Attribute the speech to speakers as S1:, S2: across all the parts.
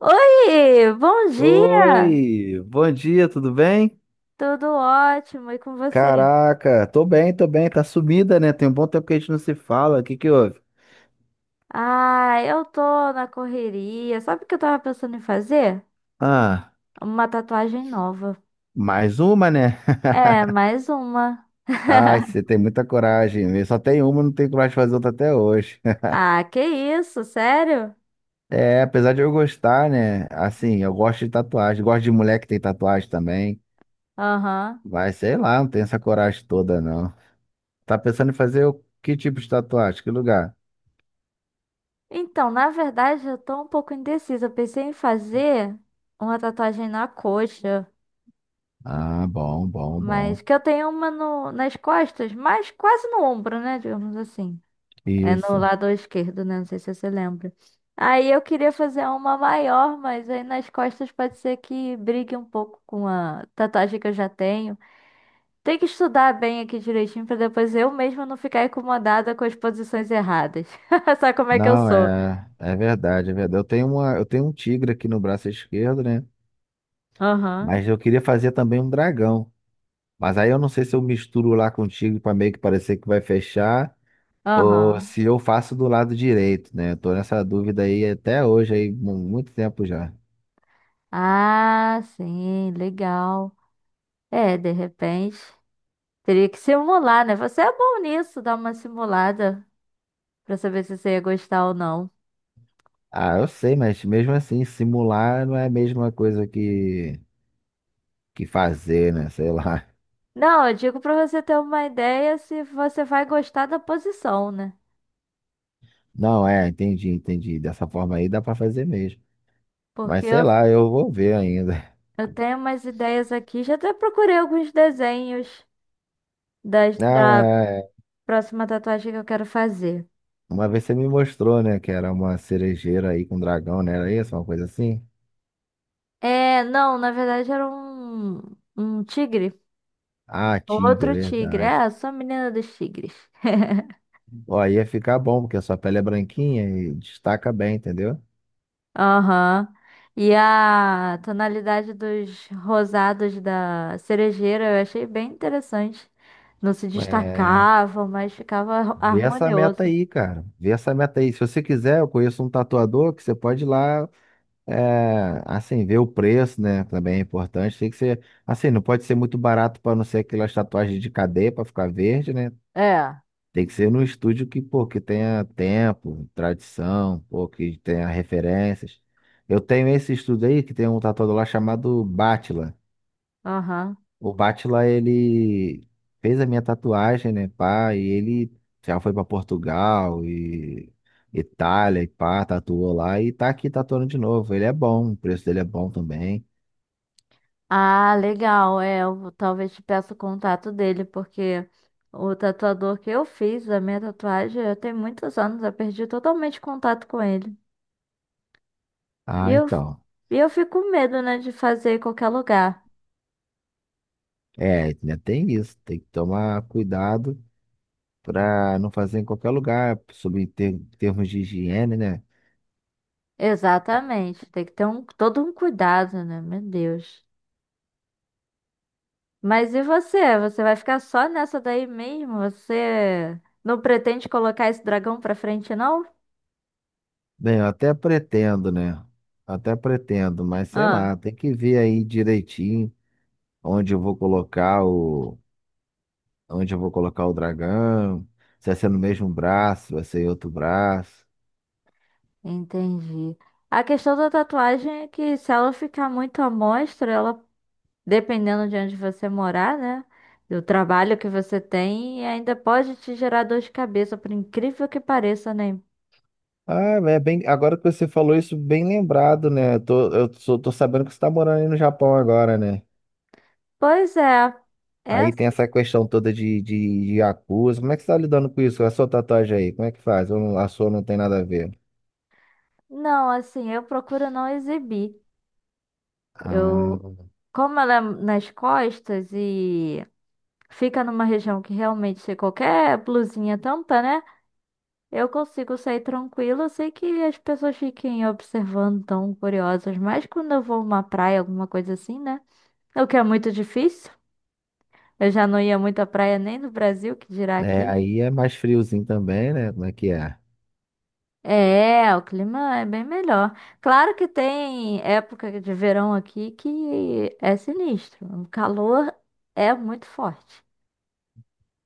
S1: Oi, bom dia!
S2: Oi, bom dia, tudo bem?
S1: Tudo ótimo, e com você?
S2: Caraca, tô bem, tá sumida, né? Tem um bom tempo que a gente não se fala. O que que houve?
S1: Ah, eu tô na correria. Sabe o que eu tava pensando em fazer?
S2: Ah,
S1: Uma tatuagem nova.
S2: mais uma, né?
S1: É, mais uma.
S2: Ai, você tem muita coragem. Eu só tenho uma, não tenho coragem de fazer outra até hoje.
S1: Ah, que isso, sério?
S2: É, apesar de eu gostar, né? Assim, eu gosto de tatuagem, gosto de mulher que tem tatuagem também.
S1: Aham.
S2: Mas sei lá, não tenho essa coragem toda, não. Tá pensando em fazer o que tipo de tatuagem? Que lugar?
S1: Então, na verdade, eu tô um pouco indecisa. Eu pensei em fazer uma tatuagem na coxa,
S2: Ah, bom, bom, bom.
S1: mas que eu tenho uma nas costas, mas quase no ombro, né? Digamos assim. É no
S2: Isso.
S1: lado esquerdo, né? Não sei se você lembra. Aí eu queria fazer uma maior, mas aí nas costas pode ser que brigue um pouco com a tatuagem que eu já tenho. Tem que estudar bem aqui direitinho pra depois eu mesma não ficar incomodada com as posições erradas. Sabe como é que eu
S2: Não,
S1: sou?
S2: é verdade, é verdade. Eu tenho uma, eu tenho um tigre aqui no braço esquerdo, né?
S1: Aham,
S2: Mas eu queria fazer também um dragão. Mas aí eu não sei se eu misturo lá com o tigre para meio que parecer que vai fechar, ou
S1: aham.
S2: se eu faço do lado direito, né? Eu tô nessa dúvida aí até hoje, aí, muito tempo já.
S1: Ah, sim, legal. É, de repente. Teria que simular, né? Você é bom nisso, dar uma simulada pra saber se você ia gostar ou não.
S2: Ah, eu sei, mas mesmo assim, simular não é a mesma coisa que fazer, né? Sei lá.
S1: Não, eu digo pra você ter uma ideia se você vai gostar da posição, né?
S2: Não, é, entendi, entendi. Dessa forma aí dá para fazer mesmo. Mas
S1: Porque
S2: sei
S1: eu,
S2: lá, eu vou ver ainda.
S1: eu tenho umas ideias aqui, já até procurei alguns desenhos
S2: Não,
S1: da
S2: é.
S1: próxima tatuagem que eu quero fazer.
S2: Uma vez você me mostrou, né, que era uma cerejeira aí com dragão, né? Era isso, uma coisa assim?
S1: É, não, na verdade era um tigre,
S2: Ah, tigre, é
S1: outro tigre.
S2: verdade.
S1: É, eu sou a menina dos tigres.
S2: Ó, aí ia ficar bom, porque a sua pele é branquinha e destaca bem, entendeu?
S1: Aham. E a tonalidade dos rosados da cerejeira eu achei bem interessante. Não se
S2: É,
S1: destacavam, mas ficava
S2: vê essa meta
S1: harmonioso.
S2: aí, cara. Vê essa meta aí. Se você quiser, eu conheço um tatuador que você pode ir lá, é, assim, ver o preço, né? Também é importante. Tem que ser, assim, não pode ser muito barato para não ser aquelas tatuagens de cadeia para ficar verde, né?
S1: É,
S2: Tem que ser num estúdio que, pô, que tenha tempo, tradição, pô, que tenha referências. Eu tenho esse estúdio aí que tem um tatuador lá chamado Batila.
S1: aham.
S2: O Batila, ele fez a minha tatuagem, né, pá, e ele já foi pra Portugal e Itália e pá, tatuou lá e tá aqui tatuando de novo. Ele é bom, o preço dele é bom também.
S1: Ah, legal. É, eu talvez te peça o contato dele, porque o tatuador que eu fiz, a minha tatuagem, eu tenho muitos anos, eu perdi totalmente contato com ele. E
S2: Ah,
S1: eu,
S2: então.
S1: e eu fico com medo, né, de fazer em qualquer lugar.
S2: É, ainda tem isso, tem que tomar cuidado para não fazer em qualquer lugar, sobre ter, termos de higiene, né?
S1: Exatamente. Tem que ter um, todo um cuidado, né? Meu Deus. Mas e você? Você vai ficar só nessa daí mesmo? Você não pretende colocar esse dragão pra frente, não?
S2: Bem, eu até pretendo, né? Até pretendo, mas sei
S1: Ah.
S2: lá, tem que ver aí direitinho onde eu vou colocar o, onde eu vou colocar o dragão, se vai ser no mesmo braço, vai ser em outro braço.
S1: Entendi. A questão da tatuagem é que se ela ficar muito à mostra, ela, dependendo de onde você morar, né? Do trabalho que você tem, ainda pode te gerar dor de cabeça, por incrível que pareça, né?
S2: Ah, é bem, agora que você falou isso, bem lembrado, né? Eu tô, tô sabendo que você tá morando aí no Japão agora, né?
S1: Pois é.
S2: Aí tem
S1: Essa...
S2: essa questão toda de, de, acusa. Como é que você tá lidando com isso? A sua tatuagem aí, como é que faz? Ou não, a sua não tem nada a ver?
S1: Não, assim, eu procuro não exibir.
S2: Ah,
S1: Eu, como ela é nas costas e fica numa região que realmente qualquer blusinha tampa, né? Eu consigo sair tranquila. Eu sei que as pessoas fiquem observando, tão curiosas, mas quando eu vou uma praia, alguma coisa assim, né? O que é muito difícil. Eu já não ia muito à praia nem no Brasil, que dirá
S2: é,
S1: aqui.
S2: aí é mais friozinho também, né? Como é que é?
S1: É, o clima é bem melhor. Claro que tem época de verão aqui que é sinistro. O calor é muito forte.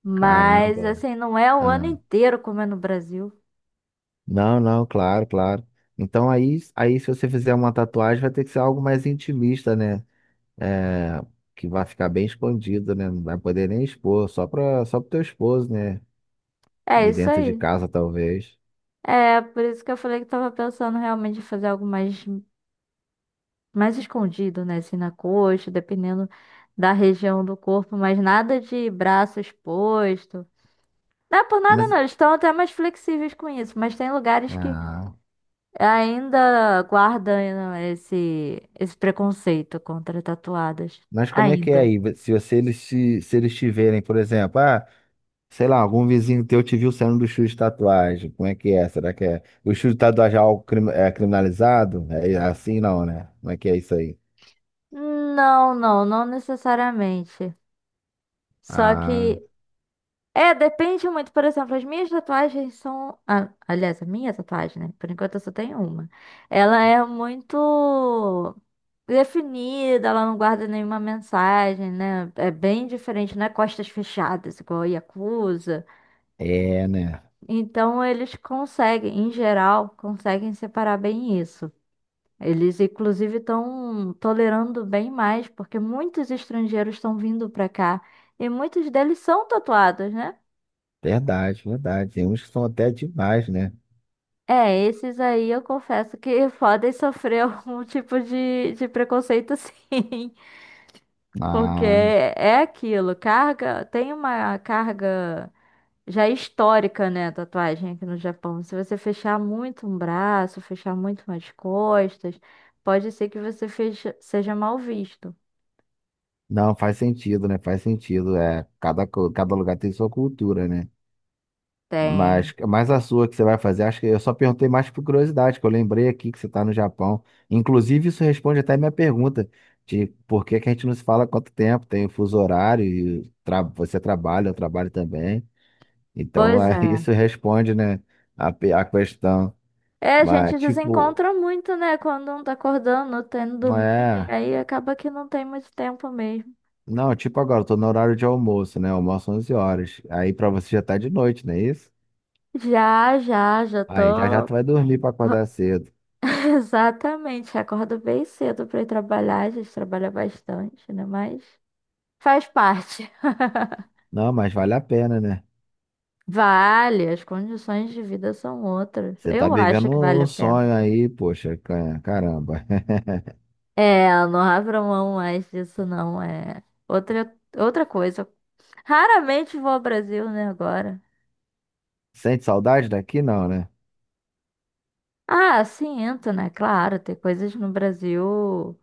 S1: Mas,
S2: Caramba.
S1: assim, não é o ano
S2: Ah,
S1: inteiro como é no Brasil.
S2: não, não, claro, claro. Então aí, aí se você fizer uma tatuagem, vai ter que ser algo mais intimista, né? É, que vai ficar bem escondido, né? Não vai poder nem expor, só pro teu esposo, né?
S1: É
S2: E
S1: isso
S2: dentro de
S1: aí.
S2: casa, talvez.
S1: É, por isso que eu falei que tava pensando realmente em fazer algo mais escondido, né? Assim, na coxa, dependendo da região do corpo, mas nada de braço exposto. Não é por nada,
S2: Mas,
S1: não. Eles estão até mais flexíveis com isso, mas tem lugares que
S2: ah.
S1: ainda guardam né, esse preconceito contra tatuadas.
S2: Mas como é que é
S1: Ainda.
S2: aí? Se você, eles te, se eles te verem, por exemplo, ah, sei lá, algum vizinho teu te viu saindo do estúdio de tatuagem, como é que é? Será que é? O estúdio de tatuagem é algo é criminalizado? É assim não, né? Como é que é isso aí?
S1: Não necessariamente. Só
S2: Ah,
S1: que é, depende muito. Por exemplo, as minhas tatuagens são. Ah, aliás, a minha tatuagem, né? Por enquanto eu só tenho uma. Ela é muito definida, ela não guarda nenhuma mensagem, né? É bem diferente, não é costas fechadas, igual a Yakuza.
S2: é, né?
S1: Então, eles conseguem, em geral, conseguem separar bem isso. Eles, inclusive, estão tolerando bem mais, porque muitos estrangeiros estão vindo para cá e muitos deles são tatuados, né?
S2: Verdade, verdade. Tem uns que são até demais, né?
S1: É, esses aí eu confesso que podem sofrer algum tipo de preconceito, sim. Porque
S2: Ah,
S1: é aquilo, tem uma carga já histórica, né, tatuagem aqui no Japão. Se você fechar muito um braço, fechar muito umas costas, pode ser que você seja mal visto.
S2: não, faz sentido, né? Faz sentido. É, cada, cada lugar tem sua cultura, né?
S1: Tem.
S2: Mas a sua que você vai fazer, acho que eu só perguntei mais por curiosidade, que eu lembrei aqui que você está no Japão. Inclusive, isso responde até a minha pergunta de por que que a gente não se fala há quanto tempo, tem o fuso horário, e você trabalha, eu trabalho também. Então,
S1: Pois
S2: é,
S1: é.
S2: isso responde, né, a, a questão.
S1: É, a
S2: Mas,
S1: gente
S2: tipo,
S1: desencontra muito, né, quando não tá acordando, não tá indo
S2: não
S1: dormir,
S2: é.
S1: aí acaba que não tem muito tempo mesmo.
S2: Não, tipo agora, eu tô no horário de almoço, né? Almoço 11h. Aí para você já tá de noite, não é isso?
S1: Já
S2: Aí já já
S1: tô.
S2: tu vai dormir para acordar cedo.
S1: Exatamente, acordo bem cedo pra ir trabalhar. A gente trabalha bastante, né? Mas faz parte.
S2: Não, mas vale a pena, né?
S1: Vale, as condições de vida são outras.
S2: Você tá
S1: Eu acho
S2: vivendo
S1: que vale a
S2: um
S1: pena.
S2: sonho aí, poxa, caramba.
S1: É, não abro mão mais disso, não. É outra coisa. Raramente vou ao Brasil, né, agora.
S2: Sente saudade daqui? Não, né?
S1: Ah, sim, entro, né? Claro, tem coisas no Brasil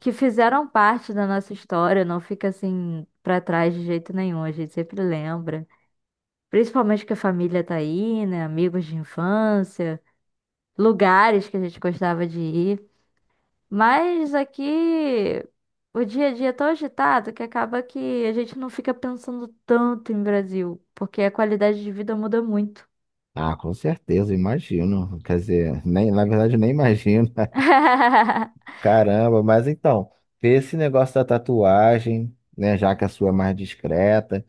S1: que fizeram parte da nossa história, não fica assim pra trás de jeito nenhum, a gente sempre lembra. Principalmente que a família tá aí, né? Amigos de infância, lugares que a gente gostava de ir. Mas aqui o dia a dia é tão agitado que acaba que a gente não fica pensando tanto em Brasil, porque a qualidade de vida muda muito.
S2: Ah, com certeza, imagino. Quer dizer, nem, na verdade, nem imagino. Caramba, mas então, vê esse negócio da tatuagem, né? Já que a sua é mais discreta.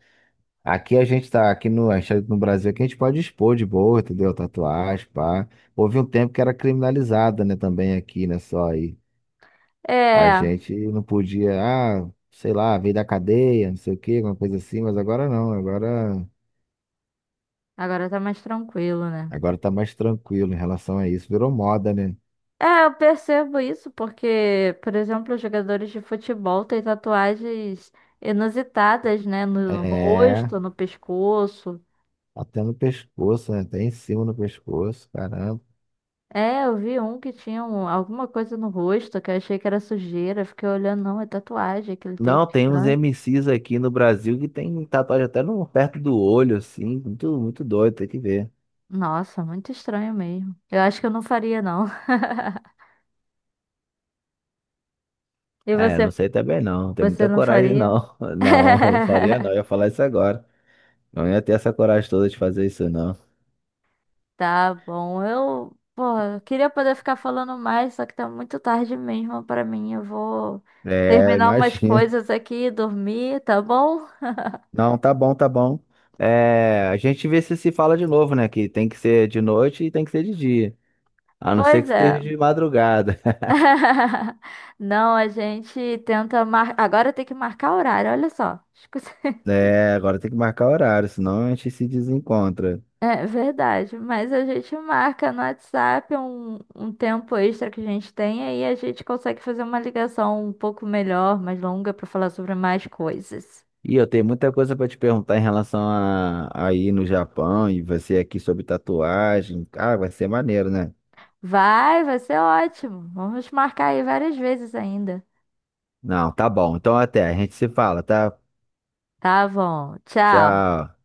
S2: Aqui a gente tá, aqui no, a gente tá no Brasil, aqui a gente pode expor de boa, entendeu? Tatuagem, pá. Houve um tempo que era criminalizada, né? Também aqui, né? Só aí. A
S1: É,
S2: gente não podia, ah, sei lá, veio da cadeia, não sei o quê, alguma coisa assim, mas agora não,
S1: agora tá mais tranquilo, né?
S2: agora tá mais tranquilo em relação a isso. Virou moda, né?
S1: É, eu percebo isso porque, por exemplo, os jogadores de futebol têm tatuagens inusitadas, né? No
S2: É,
S1: rosto, no pescoço.
S2: até no pescoço, né? Até em cima no pescoço, caramba.
S1: É, eu vi um que tinha alguma coisa no rosto que eu achei que era sujeira. Fiquei olhando, não, é tatuagem que ele tem.
S2: Não, tem uns
S1: Estranho.
S2: MCs aqui no Brasil que tem tatuagem até no, perto do olho, assim, muito, muito doido, tem que ver.
S1: Nossa, muito estranho mesmo. Eu acho que eu não faria, não. E
S2: É, não
S1: você,
S2: sei também não, não tem
S1: você
S2: muita
S1: não
S2: coragem
S1: faria?
S2: não. Não, eu faria não, eu ia falar isso agora. Não ia ter essa coragem toda de fazer isso não.
S1: Tá bom. Eu, porra, eu queria poder ficar falando mais, só que tá muito tarde mesmo pra mim. Eu vou
S2: É,
S1: terminar umas
S2: imagina.
S1: coisas aqui e dormir, tá bom?
S2: Não, tá bom, tá bom. É, a gente vê se se fala de novo, né? Que tem que ser de noite e tem que ser de dia. A não ser
S1: Pois
S2: que
S1: é.
S2: esteja de madrugada.
S1: Não, a gente tenta mar... Agora tem que marcar horário, olha só. Escuta-
S2: É, agora tem que marcar horário, senão a gente se desencontra.
S1: É verdade, mas a gente marca no WhatsApp um tempo extra que a gente tem, aí a gente consegue fazer uma ligação um pouco melhor, mais longa, pra falar sobre mais coisas.
S2: E eu tenho muita coisa pra te perguntar em relação a ir no Japão e você aqui sobre tatuagem. Ah, vai ser maneiro, né?
S1: Vai, vai ser ótimo. Vamos marcar aí várias vezes ainda.
S2: Não, tá bom. Então até, a gente se fala, tá?
S1: Tá bom. Tchau.
S2: Tchau.